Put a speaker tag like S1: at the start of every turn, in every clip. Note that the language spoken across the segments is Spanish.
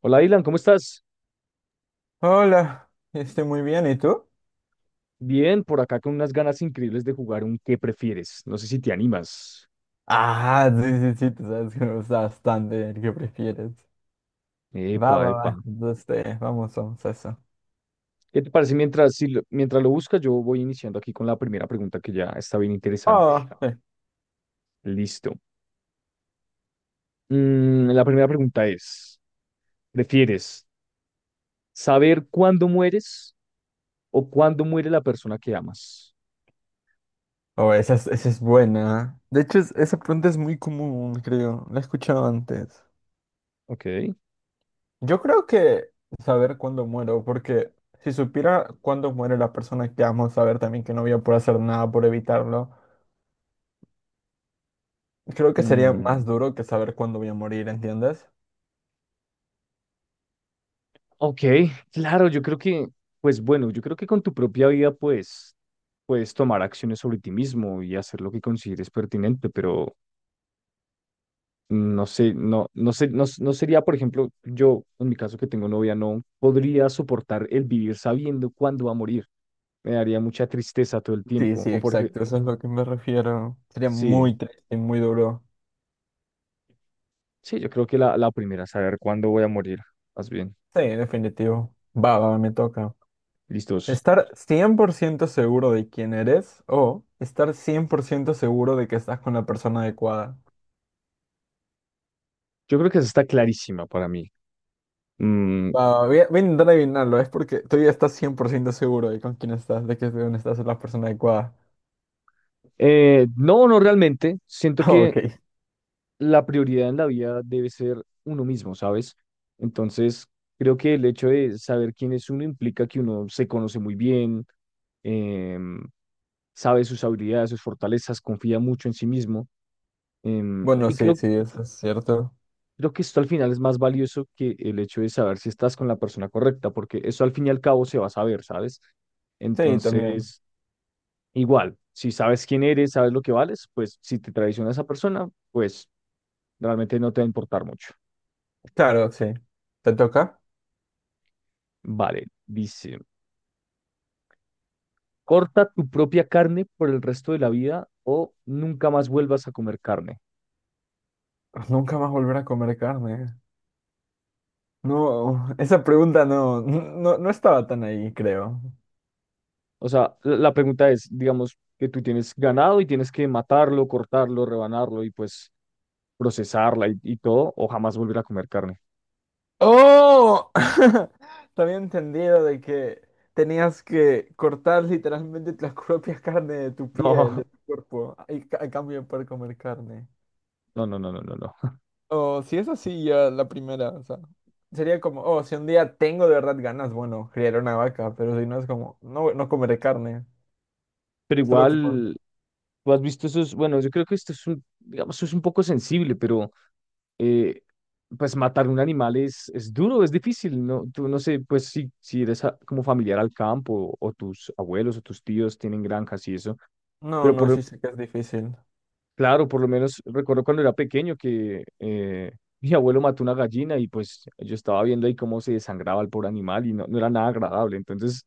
S1: Hola, Dylan, ¿cómo estás?
S2: Hola, estoy muy bien, ¿y tú?
S1: Bien, por acá con unas ganas increíbles de jugar un ¿qué prefieres? No sé si te animas.
S2: Ah, sí, sí, sí, tú sabes que me gusta bastante el que prefieres. Va,
S1: Epa,
S2: va,
S1: epa.
S2: va, entonces vamos, vamos a eso.
S1: ¿Qué te parece mientras, si lo- mientras lo buscas? Yo voy iniciando aquí con la primera pregunta que ya está bien interesante.
S2: Oh, sí.
S1: Listo. La primera pregunta es, ¿prefieres saber cuándo mueres o cuándo muere la persona que amas?
S2: Oh, esa es buena. De hecho, esa pregunta es muy común, creo. La he escuchado antes.
S1: Ok.
S2: Yo creo que saber cuándo muero, porque si supiera cuándo muere la persona que amo, saber también que no voy a poder hacer nada por evitarlo, creo que sería más
S1: Mm,
S2: duro que saber cuándo voy a morir, ¿entiendes?
S1: Ok, claro, yo creo que, pues bueno, yo creo que con tu propia vida, pues, puedes tomar acciones sobre ti mismo y hacer lo que consideres pertinente, pero no sé, no, no sé, no, no sería, por ejemplo, yo, en mi caso que tengo novia, no podría soportar el vivir sabiendo cuándo va a morir. Me daría mucha tristeza todo el
S2: Sí,
S1: tiempo.
S2: sí, exacto, eso es lo que me refiero. Sería
S1: Sí,
S2: muy triste, muy duro.
S1: sí, yo creo que la primera, saber cuándo voy a morir, más bien.
S2: Sí, definitivo. Va, va, me toca.
S1: Listos.
S2: Estar 100% seguro de quién eres o estar 100% seguro de que estás con la persona adecuada.
S1: Yo creo que esa está clarísima para mí. Mm,
S2: Va, voy a intentar adivinarlo, es porque tú ya estás 100% seguro de con quién estás, de que con estás es la persona adecuada.
S1: no, no realmente. Siento que
S2: Ok.
S1: la prioridad en la vida debe ser uno mismo, ¿sabes? Entonces, creo que el hecho de saber quién es uno implica que uno se conoce muy bien, em, sabe sus habilidades, sus fortalezas, confía mucho en sí mismo. em,
S2: Bueno,
S1: y
S2: sí,
S1: creo,
S2: sí, eso es cierto.
S1: Creo que esto al final es más valioso que el hecho de saber si estás con la persona correcta, porque eso al fin y al cabo se va a saber, ¿sabes?
S2: Sí, también.
S1: Entonces, igual, si sabes quién eres, sabes lo que vales, pues si te traiciona esa persona, pues realmente no te va a importar mucho.
S2: Claro, sí. ¿Te toca?
S1: Vale, dice, corta tu propia carne por el resto de la vida o nunca más vuelvas a comer carne.
S2: Nunca más volver a comer carne. No, esa pregunta no, no, no estaba tan ahí, creo.
S1: O sea, la pregunta es, digamos, que tú tienes ganado y tienes que matarlo, cortarlo, rebanarlo y pues procesarla y todo, o jamás volver a comer carne.
S2: ¡Oh! También entendido de que tenías que cortar literalmente las propias carnes de tu piel, de
S1: No,
S2: tu cuerpo, a cambio de poder comer carne.
S1: no.
S2: O si es así, ya la primera, o sea, sería como, oh, si un día tengo de verdad ganas, bueno, criar una vaca, pero si no es como, no, no comeré carne,
S1: Pero
S2: solo que... con-
S1: igual, tú has visto esos, bueno, yo creo que esto es un, digamos, es un poco sensible, pero eh, pues matar un animal es duro, es difícil, ¿no? Tú no sé, pues si eres como familiar al campo o tus abuelos o tus tíos tienen granjas y eso,
S2: No,
S1: pero
S2: no, sí sé que es difícil.
S1: claro, por lo menos recuerdo cuando era pequeño que mi abuelo mató una gallina y pues yo estaba viendo ahí cómo se desangraba el pobre animal y no, no era nada agradable, entonces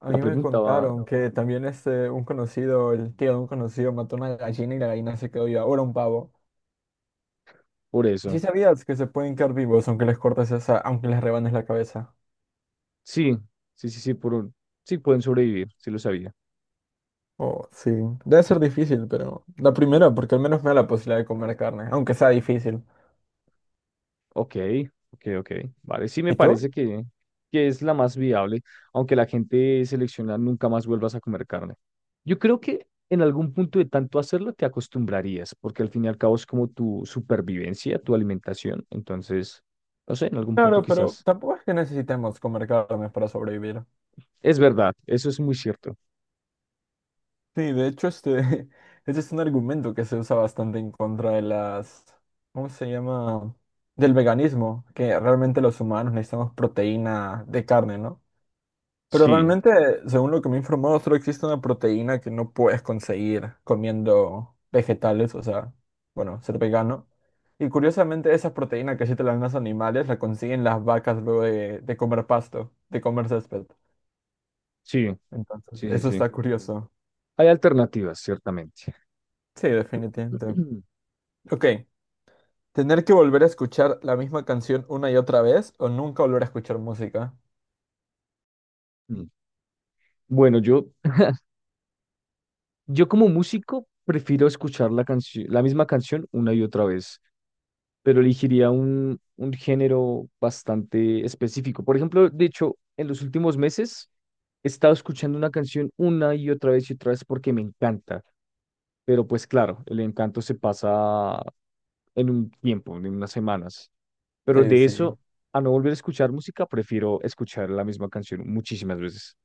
S2: A
S1: la
S2: mí me
S1: pregunta va
S2: contaron que también este, un conocido, el tío de un conocido, mató una gallina y la gallina se quedó viva. Ahora un pavo.
S1: por
S2: ¿Sí
S1: eso.
S2: sabías que se pueden quedar vivos aunque les cortes esa, aunque les rebanes la cabeza?
S1: Sí, sí, sí, sí, sí pueden sobrevivir, sí lo sabía.
S2: Oh, sí. Debe ser difícil, pero la primera, porque al menos me da la posibilidad de comer carne, aunque sea difícil.
S1: Ok, ok, ok. Vale, sí me
S2: ¿Y tú?
S1: parece que es la más viable, aunque la gente selecciona nunca más vuelvas a comer carne. Yo creo que en algún punto de tanto hacerlo te acostumbrarías, porque al fin y al cabo es como tu supervivencia, tu alimentación. Entonces, no sé, en algún punto
S2: Claro, pero
S1: quizás.
S2: tampoco es que necesitemos comer carne para sobrevivir.
S1: Es verdad, eso es muy cierto.
S2: Sí, de hecho, este, este es un argumento que se usa bastante en contra de las, ¿cómo se llama? Del veganismo, que realmente los humanos necesitamos proteína de carne, ¿no? Pero
S1: Sí,
S2: realmente, según lo que me he informado, solo existe una proteína que no puedes conseguir comiendo vegetales, o sea, bueno, ser vegano. Y curiosamente, esa proteína que sí te la dan los animales, la consiguen las vacas luego de comer pasto, de comer césped.
S1: sí,
S2: Entonces,
S1: sí, sí,
S2: eso está
S1: sí.
S2: Curioso.
S1: Hay alternativas, ciertamente.
S2: Sí, definitivamente. Ok, ¿tener que volver a escuchar la misma canción una y otra vez o nunca volver a escuchar música?
S1: Mm. Bueno, yo como músico prefiero escuchar la canción, la misma canción una y otra vez. Pero elegiría un género bastante específico. Por ejemplo, de hecho, en los últimos meses he estado escuchando una canción una y otra vez porque me encanta, pero pues claro, el encanto se pasa en un tiempo, en unas semanas, pero
S2: Sí,
S1: de
S2: sí.
S1: eso... A no volver a escuchar música, prefiero escuchar la misma canción muchísimas veces.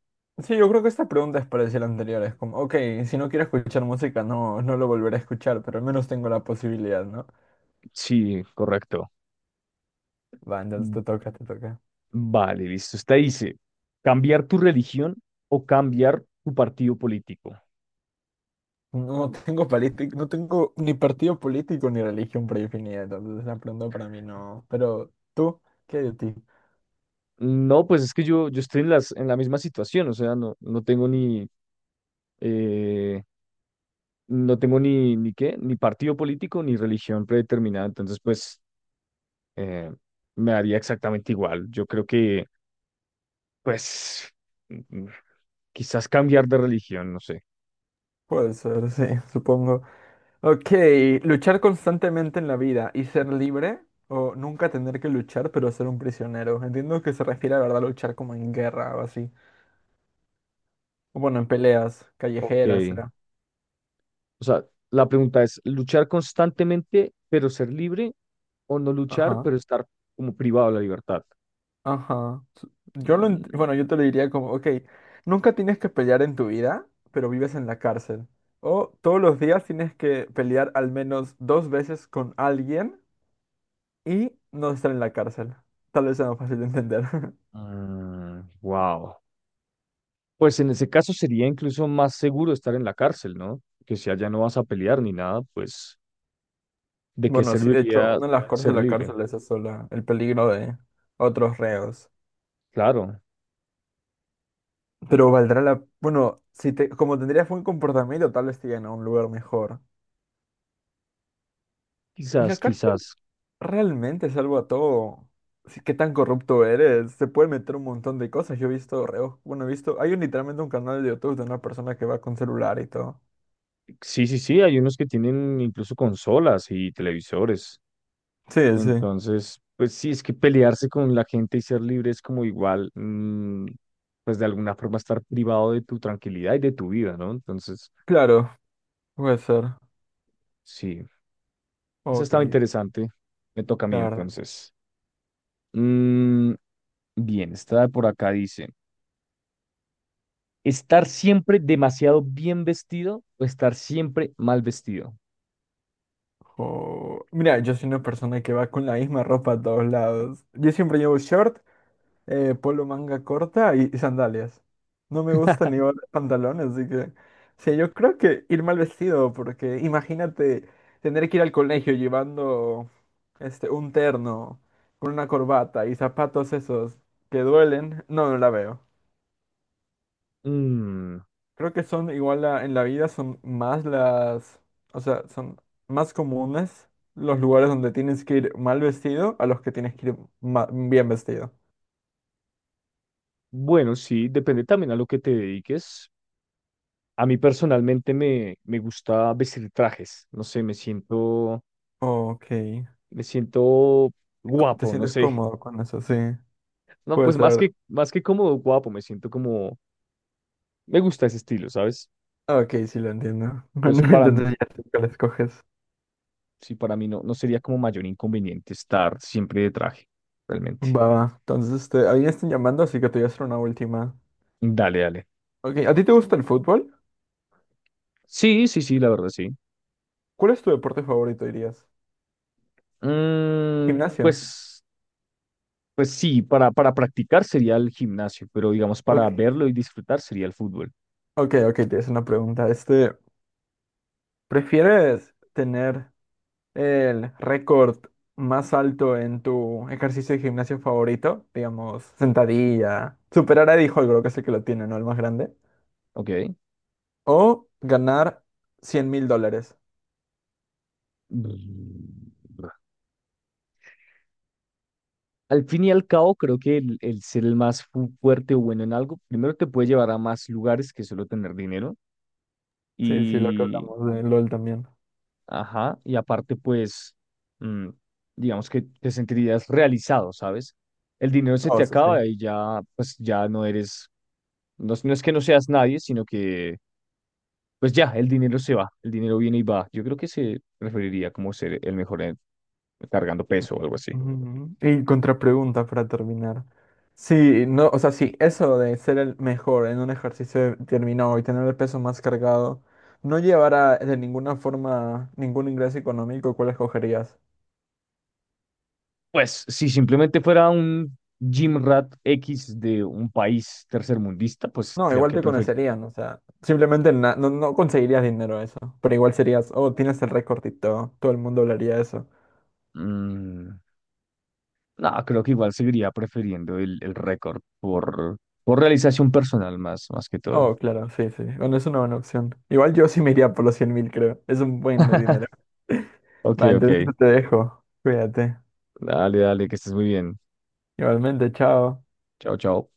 S2: Sí, yo creo que esta pregunta es parecida a la anterior. Es como, ok, si no quiero escuchar música, no, no lo volveré a escuchar, pero al menos tengo la posibilidad, ¿no?
S1: Sí, correcto.
S2: Va, entonces
S1: Mm,
S2: te toca, te toca.
S1: Vale, listo. Usted dice, cambiar tu religión o cambiar tu partido político.
S2: No tengo político, no tengo ni partido político ni religión predefinida, entonces la pregunta para mí no. Pero tú, ¿qué hay de ti?
S1: No, pues es que yo estoy en en la misma situación, o sea, eh, no tengo ni qué, ni partido político, ni religión predeterminada, entonces pues eh, me haría exactamente igual. Yo creo que, pues, mm, quizás cambiar de religión, no sé.
S2: Puede ser, sí, supongo. Ok, luchar constantemente en la vida y ser libre o nunca tener que luchar pero ser un prisionero. Entiendo que se refiere a verdad luchar como en guerra o así. O bueno, en peleas
S1: Ok,
S2: callejeras, será.
S1: o sea, la pregunta es, ¿luchar constantemente pero ser libre o no luchar
S2: Ajá,
S1: pero estar como privado de la libertad?
S2: ajá. Su- Yo lo, ent- bueno, yo te lo diría como, ok, nunca tienes que pelear en tu vida, pero vives en la cárcel. O todos los días tienes que pelear al menos dos veces con alguien y no estar en la cárcel. Tal vez sea más fácil de entender.
S1: Wow, pues en ese caso sería incluso más seguro estar en la cárcel, ¿no? Que si allá no vas a pelear ni nada, pues ¿de qué
S2: Bueno, sí, de hecho,
S1: serviría
S2: una de las cosas de
S1: ser
S2: la
S1: libre?
S2: cárcel es eso, la- el peligro de otros reos.
S1: Claro,
S2: Pero valdrá la... Bueno, si te, como tendrías buen comportamiento, tal vez te lleven a un lugar mejor. ¿Y la
S1: quizás,
S2: cárcel
S1: quizás.
S2: realmente es algo a todo? Sí, ¿qué tan corrupto eres? Se puede meter un montón de cosas. Yo he visto reos... Bueno, he visto... Hay un- literalmente un canal de YouTube de una persona que va con celular y todo.
S1: Sí, sí, sí, hay unos que tienen incluso consolas y televisores.
S2: Sí, sí.
S1: Entonces, pues sí, es que pelearse con la gente y ser libre es como igual, pues de alguna forma estar privado de tu tranquilidad y de tu vida, ¿no? Entonces,
S2: Claro, puede ser.
S1: sí, eso
S2: Ok,
S1: estaba interesante. Me toca a
S2: la
S1: mí
S2: verdad.
S1: entonces. Mm, Bien, esta de por acá dice. ¿Estar siempre demasiado bien vestido o estar siempre mal vestido?
S2: O- Mira, yo soy una persona que va con la misma ropa a todos lados. Yo siempre llevo short polo manga corta y sandalias. No me gusta ni los pantalones, así que... Sí, yo creo que ir mal vestido, porque imagínate tener que ir al colegio llevando este, un terno con una corbata y zapatos esos que duelen. No, no la veo.
S1: Mm,
S2: Creo que son igual en la vida, son más las... O sea, son más comunes los lugares donde tienes que ir mal vestido a los que tienes que ir bien vestido.
S1: bueno, sí, depende también a lo que te dediques. A mí personalmente me gusta vestir trajes, no sé,
S2: Ok.
S1: me siento
S2: co- ¿Te
S1: guapo, no
S2: sientes
S1: sé.
S2: cómodo con eso? Sí.
S1: No,
S2: Puede
S1: pues
S2: ser.
S1: más que cómodo, guapo, me siento como, me gusta ese estilo, ¿sabes?
S2: Ok, sí lo entiendo.
S1: Entonces,
S2: Bueno, entonces ya sé cuál escoges.
S1: sí, para mí no, no sería como mayor inconveniente estar siempre de traje, realmente.
S2: Va, va. Entonces, este, a mí me están llamando, así que te voy a hacer una última.
S1: Dale, dale.
S2: Ok, ¿a ti te gusta el fútbol?
S1: Sí, sí, sí, la verdad, sí.
S2: ¿Cuál es tu deporte favorito, dirías?
S1: Mm,
S2: ¿Gimnasio?
S1: pues, pues sí, para practicar sería el gimnasio, pero digamos
S2: Ok,
S1: para verlo y disfrutar sería el fútbol.
S2: ok, ok, te es una pregunta. Este, ¿prefieres tener el récord más alto en tu ejercicio de gimnasio favorito? Digamos, sentadilla. Superar a Eddie Hall, creo que es el que lo tiene, ¿no? El más grande.
S1: Ok.
S2: O ganar $100,000.
S1: Mm. Al fin y al cabo, creo que el ser el más fuerte o bueno en algo, primero te puede llevar a más lugares que solo tener dinero.
S2: Sí, sí, lo que
S1: Y,
S2: hablamos de LOL también.
S1: ajá, y aparte, pues, mm, digamos que te sentirías realizado, ¿sabes? El dinero se
S2: Oh,
S1: te
S2: eso sí.
S1: acaba y ya, pues, ya no eres, no, no es que no seas nadie, sino que pues ya, el dinero se va, el dinero viene y va. Yo creo que se referiría como ser el mejor cargando peso o algo así.
S2: Ujú. Y contrapregunta para terminar. Sí, no, o sea, sí, eso de ser el mejor en un ejercicio determinado y tener el peso más cargado, no llevará de ninguna forma ningún ingreso económico, ¿cuál escogerías?
S1: Pues si simplemente fuera un gym rat X de un país tercermundista, pues
S2: No,
S1: creo
S2: igual
S1: que
S2: te
S1: prefer...
S2: conocerían, o sea, simplemente na- no, no conseguirías dinero de eso, pero igual serías, oh, tienes el récord y todo, todo el mundo hablaría de eso.
S1: Mm, no, creo que igual seguiría prefiriendo el récord por realización personal más que todo.
S2: Oh, claro, sí, sí. Bueno, es una buena opción. Igual yo sí me iría por los 100,000, creo. Es un buen dinero.
S1: Ok,
S2: Va, entonces
S1: ok.
S2: te dejo. Cuídate.
S1: Dale, dale, que estés muy bien.
S2: Igualmente, chao.
S1: Chao, chao.